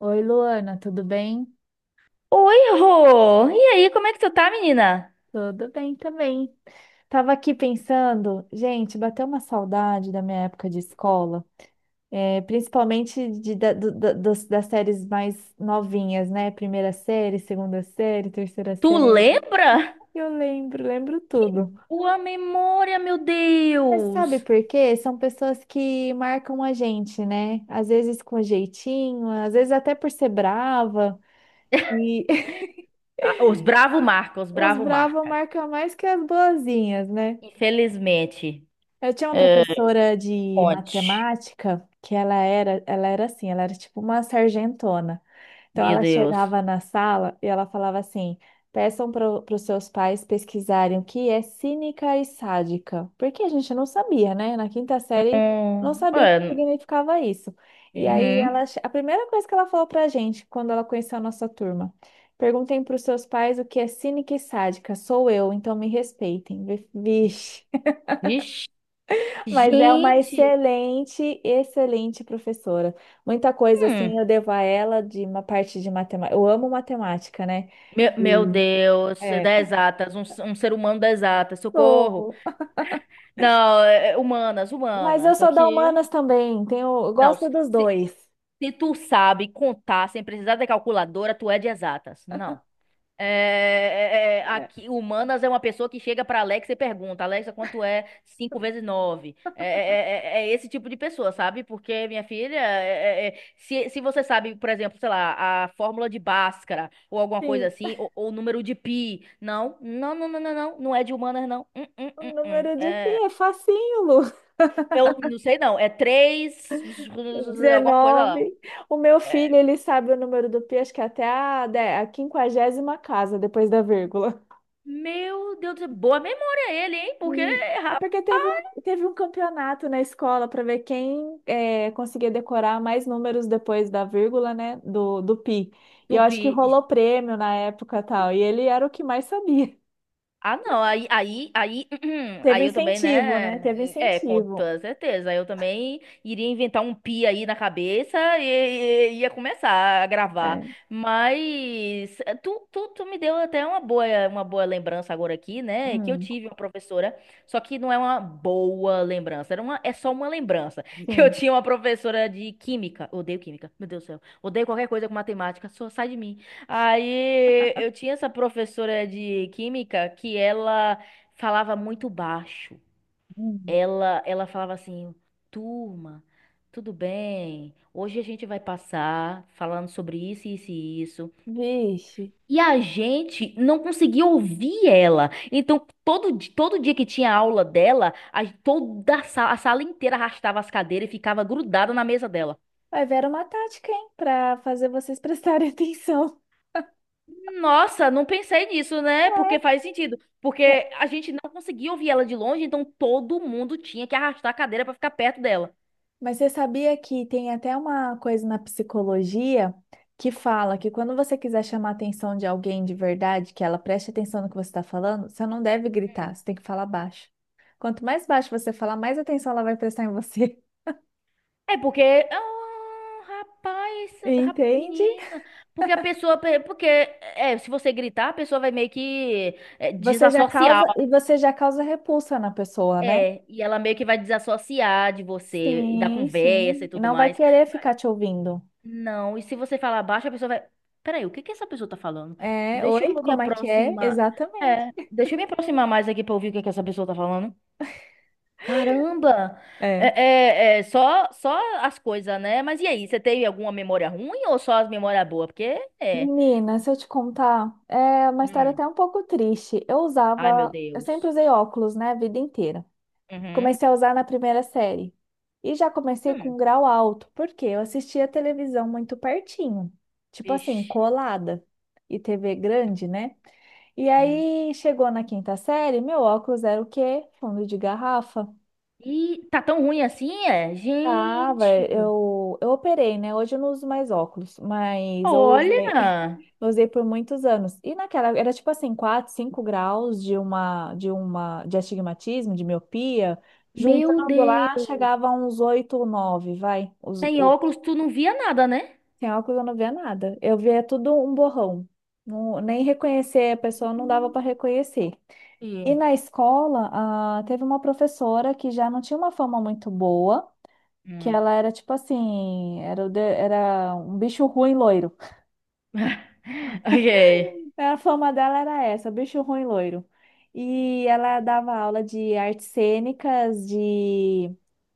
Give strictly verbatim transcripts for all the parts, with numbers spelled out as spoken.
Oi, Luana, tudo bem? Oi, Rô! E aí, como é que tu tá, menina? Tudo bem também. Tava aqui pensando, gente, bateu uma saudade da minha época de escola, é, principalmente de, da- do- da- dos- das séries mais novinhas, né? Primeira série, segunda série, terceira Tu série. lembra? Eu lembro, lembro tudo. Tua memória, meu Mas sabe Deus! por quê? São pessoas que marcam a gente, né? Às vezes com jeitinho, às vezes até por ser brava. E Ah, os Bravo marca, os os Bravo bravos marca. marcam mais que as boazinhas, né? Infelizmente. Eu tinha uma É. professora de Conte. matemática que ela era, ela era assim, ela era tipo uma sargentona. Então Meu ela Deus. chegava na sala e ela falava assim: peçam para os seus pais pesquisarem o que é cínica e sádica. Porque a gente não sabia, né? Na quinta série não Hum. sabia o que É. significava isso. E aí ela, Uhum. che- a primeira coisa que ela falou pra gente quando ela conheceu a nossa turma. Perguntem para os seus pais o que é cínica e sádica. Sou eu, então me respeitem. Vixe. Vixe. Mas é uma Gente! excelente, excelente professora. Muita coisa assim Hum, eu devo a ela de uma parte de matemática. Eu amo matemática, né? meu, meu E Deus, das é. exatas, um, um ser humano das exatas, socorro! Sou- Não, é, é, humanas, Mas eu humanas, sou da aqui. humanas também. Tenho, eu Não, gosto dos se, dois. Se tu sabe contar sem precisar de calculadora, tu é de exatas. Não. É, é, é, é, É. aqui, humanas é uma pessoa que chega para Alexa e pergunta: Alexa, quanto é cinco vezes nove? É, é, é- é é esse tipo de pessoa, sabe? Porque, minha filha, é- é- é, se, se você sabe, por exemplo, sei lá, a fórmula de Bhaskara ou alguma coisa Sim, assim, ou, ou o número de pi, não, não, não, não, não, não, não é de humanas, não. Hum, hum, o hum, hum. número de pi É, é facinho, Lu. eu não sei, não. É três, alguma coisa lá. Dezenove. O meu É, filho, ele sabe o número do pi, acho que até a, de- a quinquagésima casa, depois da vírgula. meu Deus do céu, boa memória ele, hein? Porque, Hum. É rapaz, porque teve um, teve um campeonato na escola para ver quem é, conseguia decorar mais números depois da vírgula, né? Do, do pi. E eu acho tupi. que rolou prêmio na época e tal. E ele era o que mais sabia. Ah, não, aí, aí, aí, Teve aí eu também, incentivo, né? Teve né? É, com incentivo. toda certeza. Aí eu também iria inventar um pi aí na cabeça e, e- ia começar a gravar. É. Mas eh, tu, tu, tu me deu até uma boa, uma boa lembrança agora aqui, né? Que eu Hum, tive uma professora, só que não é uma boa lembrança, era uma, é só uma lembrança. Que eu sim. tinha uma professora de química, odeio química, meu Deus do céu. Odeio qualquer coisa com matemática, só sai de mim. Aí eu tinha essa professora de química que ela falava muito baixo. Hum. Ela, ela falava assim: turma, tudo bem, hoje a gente vai passar falando sobre isso, isso e isso. Vixe. E a gente não conseguia ouvir ela. Então, todo, di- todo dia que tinha aula dela, a, toda a sala, a sala inteira arrastava as cadeiras e ficava grudada na mesa dela. Vai ver uma tática, hein? Para fazer vocês prestarem atenção. Nossa, não pensei nisso, né? Porque faz sentido. Porque a gente não conseguia ouvir ela de longe, então todo mundo tinha que arrastar a cadeira pra ficar perto dela. Mas você sabia que tem até uma coisa na psicologia que fala que quando você quiser chamar a atenção de alguém de verdade, que ela preste atenção no que você está falando, você não deve gritar, Hum. você tem que falar baixo. Quanto mais baixo você falar, mais atenção ela vai prestar em você. É porque. Ah, rapaz, ra- Entende? menina. Porque a pessoa. pe- Porque é, se você gritar, a pessoa vai meio que, é, Você já causa desassociar. e você já causa repulsa na pessoa, né? É, e ela meio que vai desassociar de você, e da Sim, conversa e sim. E tudo não vai mais. querer ficar te ouvindo. Não, e se você falar baixo, a pessoa vai. Peraí, o que que essa pessoa tá falando? É, Deixa eu oi, me como é que é? aproximar. Exatamente. É, deixa eu me aproximar mais aqui pra ouvir o que que essa pessoa tá falando. Caramba! É, É. é, é, só, só as coisas, né? Mas e aí, você teve alguma memória ruim ou só as memórias boas? Porque é. Menina, se eu te contar, é uma história Hum. até um pouco triste. Eu Ai, meu usava, eu sempre Deus. usei óculos, né, a vida inteira. Uhum. Comecei a usar na primeira série. E já comecei com um Hum. grau alto, porque eu assistia televisão muito pertinho, tipo assim, Vixe. colada e T V grande, né? E Uhum. aí chegou na quinta série, meu óculos era o quê? Fundo de garrafa. E tá tão ruim assim, é? Tava, Gente, eu, eu operei, né? Hoje eu não uso mais óculos, mas eu usei, olha! eu usei por muitos anos. E naquela, era tipo assim, quatro, cinco graus de uma, de uma, de astigmatismo, de miopia. Meu Juntando lá, Deus! chegava a uns oito ou nove, vai. Os, Sem o, óculos, tu não via nada, né? sem óculos eu não via nada. Eu via tudo um borrão. Não, nem reconhecer a pessoa não dava para reconhecer. E E- na escola, ah, teve uma professora que já não tinha uma fama muito boa, que hum. ela era tipo assim, era, o de- era um bicho ruim loiro. Ok. A fama dela era essa, bicho ruim loiro. E ela dava aula de artes cênicas, de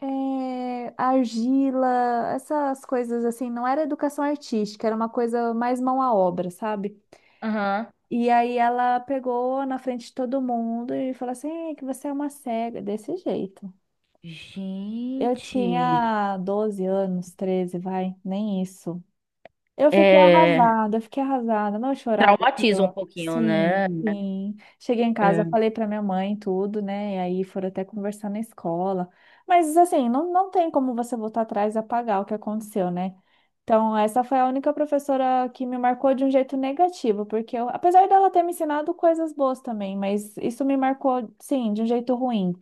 eh, argila, essas coisas assim. Não era educação artística, era uma coisa mais mão à obra, sabe? Aham. E aí ela pegou na frente de todo mundo e falou assim: "Ei, que você é uma cega, desse jeito." Eu Gente. tinha doze anos, treze vai, nem isso. Eu fiquei É. arrasada, eu fiquei arrasada, não eu chorava. Aqui, Traumatiza um ó. pouquinho, Sim, né? sim. Cheguei em casa, É. falei pra minha mãe tudo, né? E aí foram até conversar na escola. Mas assim, não, não tem como você voltar atrás e apagar o que aconteceu, né? Então, essa foi a única professora que me marcou de um jeito negativo, porque eu- apesar dela ter me ensinado coisas boas também, mas isso me marcou, sim, de um jeito ruim.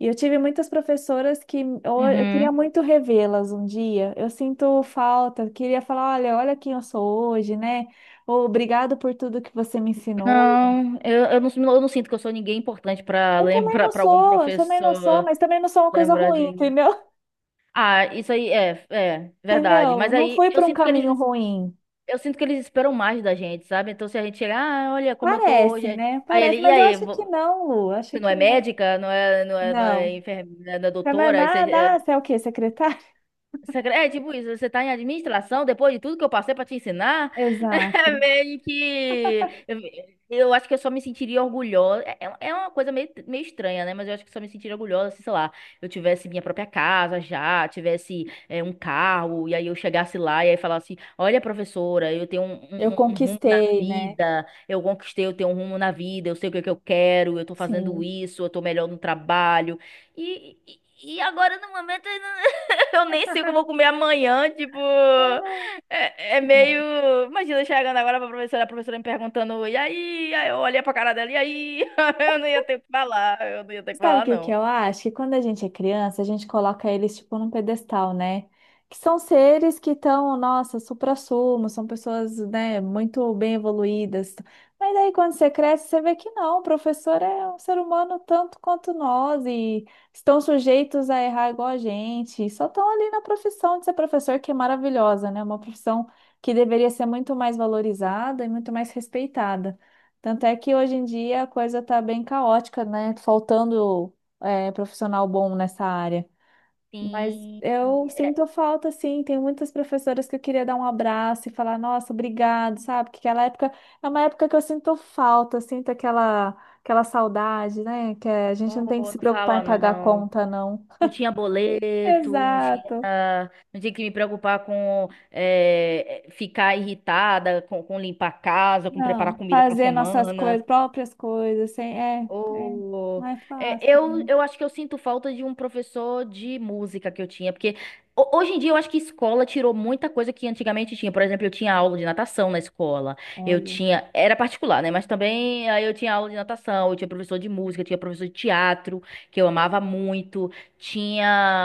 E eu tive muitas professoras que eu, eu queria Uhum. muito revê-las um dia. Eu sinto falta, queria falar, olha, olha quem eu sou hoje, né? Ou obrigado por tudo que você me ensinou. Não, eu, eu não, eu não sinto que eu sou ninguém importante pra Eu também lembrar, não para algum sou, eu também não sou, professor mas também não sou uma coisa lembrar de ruim, mim. entendeu? Ah, isso aí é, é verdade. Entendeu? Mas Não aí fui eu por um sinto que caminho eles ruim. eu sinto que eles esperam mais da gente, sabe? Então se a gente chegar, ah, olha como eu tô Parece, hoje. né? Aí ele, Parece, e mas eu aí, acho que vo- não, Lu, eu você acho não que é não. médica, não é, não é, não é Não. enfermeira, não é Mas doutora, aí na, você, é, na, você é o quê? Secretário? Secre- é tipo isso, você tá em administração, depois de tudo que eu passei pra te ensinar, Exato. é meio que. Eu, eu acho que eu só me sentiria orgulhosa. É, é é uma coisa meio, meio estranha, né? Mas eu acho que só me sentiria orgulhosa se, sei lá, eu tivesse minha própria casa já, tivesse, é, um carro, e aí eu chegasse lá e aí falasse: olha, professora, eu tenho um, Eu um- um- um rumo na conquistei, né? vida, eu conquistei, eu tenho um rumo na vida, eu sei o que é que eu quero, eu tô fazendo Sim. isso, eu tô melhor no trabalho. E, e e agora no momento. Eu nem sei o que eu vou comer amanhã, tipo, é, é Ah, meio. Imagina eu chegando agora pra professora, a professora me perguntando: e aí? Aí eu olhei pra cara dela: e aí? Eu não ia ter o que falar, eu não ia ter o que sabe o falar, que que não. eu acho? Que quando a gente é criança, a gente coloca eles tipo num pedestal, né? Que são seres que estão, nossa, suprassumo, são pessoas, né, muito bem evoluídas. Mas aí quando você cresce, você vê que não, o professor é um ser humano tanto quanto nós e estão sujeitos a errar igual a gente. Só estão ali na profissão de ser professor, que é maravilhosa, né? Uma profissão que deveria ser muito mais valorizada e muito mais respeitada. Tanto é que hoje em dia a coisa tá bem caótica, né? Faltando é, profissional bom nessa área. Mas Sim, eu é, sinto falta, sim. Tem muitas professoras que eu queria dar um abraço e falar, nossa, obrigado, sabe? Porque aquela época é uma época que eu sinto falta, sinto aquela, aquela saudade, né? Que a gente não tem que oh, se não preocupar em fala pagar a não. conta, não. Não tinha boleto, não tinha, Exato. não tinha que me preocupar com, é, ficar irritada, com, com limpar a casa, com Não, preparar comida pra fazer nossas semana. coisas, próprias coisas, sem, é, é, não Ô, é é, fácil, eu, né? eu acho que eu sinto falta de um professor de música que eu tinha, porque ho- hoje em dia eu acho que escola tirou muita coisa que antigamente tinha. Por exemplo, eu tinha aula de natação na escola, eu Olha. tinha, era particular, né? Mas também aí eu tinha aula de natação, eu tinha professor de música, eu tinha professor de teatro, que eu amava muito,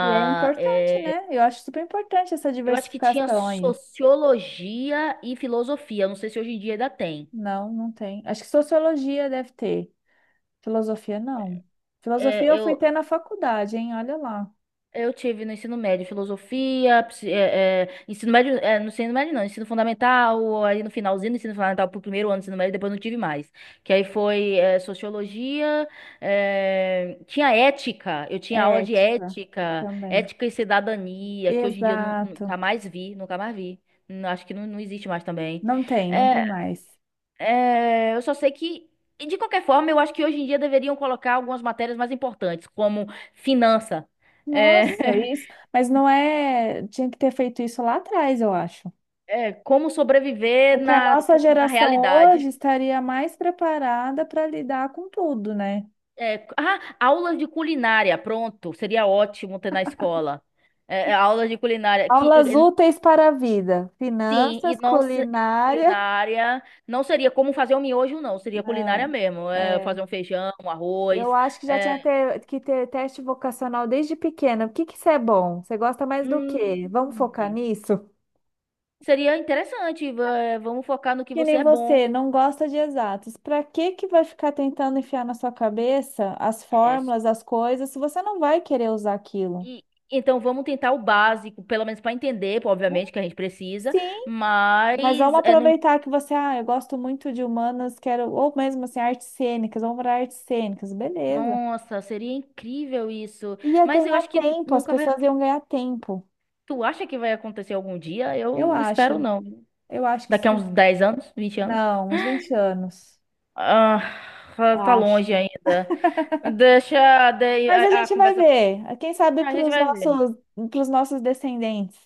E é importante, é, né? Eu acho super importante essa eu acho que tinha diversificação aí. sociologia e filosofia, eu não sei se hoje em dia ainda tem. Não, não tem. Acho que sociologia deve ter. Filosofia, não. Filosofia É, eu fui eu, ter na faculdade, hein? Olha lá. Eu tive no ensino médio filosofia, psi- é, é, ensino médio, é, no ensino médio não, ensino fundamental, aí no finalzinho do ensino fundamental pro primeiro ano do ensino médio, depois não tive mais. Que aí foi, é, sociologia, é, tinha ética, eu tinha aula de Ética ética, também. ética e cidadania, que hoje em dia eu nu- Exato. nunca mais vi, nunca mais vi. Não- Acho que não, não existe mais também. Não tem, não É, tem mais. é, eu só sei que, e de qualquer forma, eu acho que hoje em dia deveriam colocar algumas matérias mais importantes, como finança. Nossa, É. isso. Mas não é. Tinha que ter feito isso lá atrás, eu acho. É, como sobreviver Porque a na, nossa tu- na geração hoje realidade. estaria mais preparada para lidar com tudo, né? É, ah, aulas de culinária, pronto, seria ótimo ter na escola. É, é, aulas de culinária, que, e- Aulas e- úteis para a vida. sim, e Finanças, não se- culinária. culinária, não seria como fazer um miojo, não, seria culinária Não. mesmo, é, É, fazer um feijão, um eu arroz. acho que já é, tinha ter- que ter teste vocacional desde pequena. O que que você é bom? Você gosta mais do quê? Vamos focar hum, nisso? Seria interessante, va- vamos focar no que Que você nem é bom. você, não gosta de exatos. Para que que vai ficar tentando enfiar na sua cabeça as É, fórmulas, as coisas, se você não vai querer usar aquilo? e, então vamos tentar o básico, pelo menos para entender, pô, obviamente, que a gente precisa, Sim, mas mas vamos é, não. aproveitar que você, ah, eu gosto muito de humanas, quero, ou mesmo assim, artes cênicas, vamos para artes cênicas, beleza. Nossa, seria incrível isso. Ia Mas eu ganhar acho que tempo, as nunca vai. pessoas iam ganhar tempo, Tu acha que vai acontecer algum dia? Eu eu não acho, espero, não. eu acho que Daqui a sim. uns dez anos, vinte anos. Não, uns vinte anos. Ah, tá Acho. longe ainda. Deixa daí Mas a a, a gente vai conversa. ver. Quem sabe A para gente os vai ver. nossos, para nossos descendentes.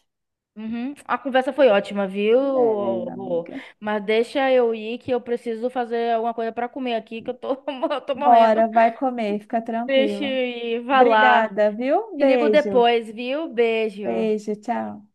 Uhum. A conversa foi ótima, viu? Beleza, Rô? amiga. Mas deixa eu ir que eu preciso fazer alguma coisa pra comer aqui, que eu tô, eu tô morrendo. Bora, vai comer, fica Deixa tranquila. eu ir. Vai lá. Obrigada, viu? Te ligo Beijo, depois, viu? Beijo. beijo, tchau.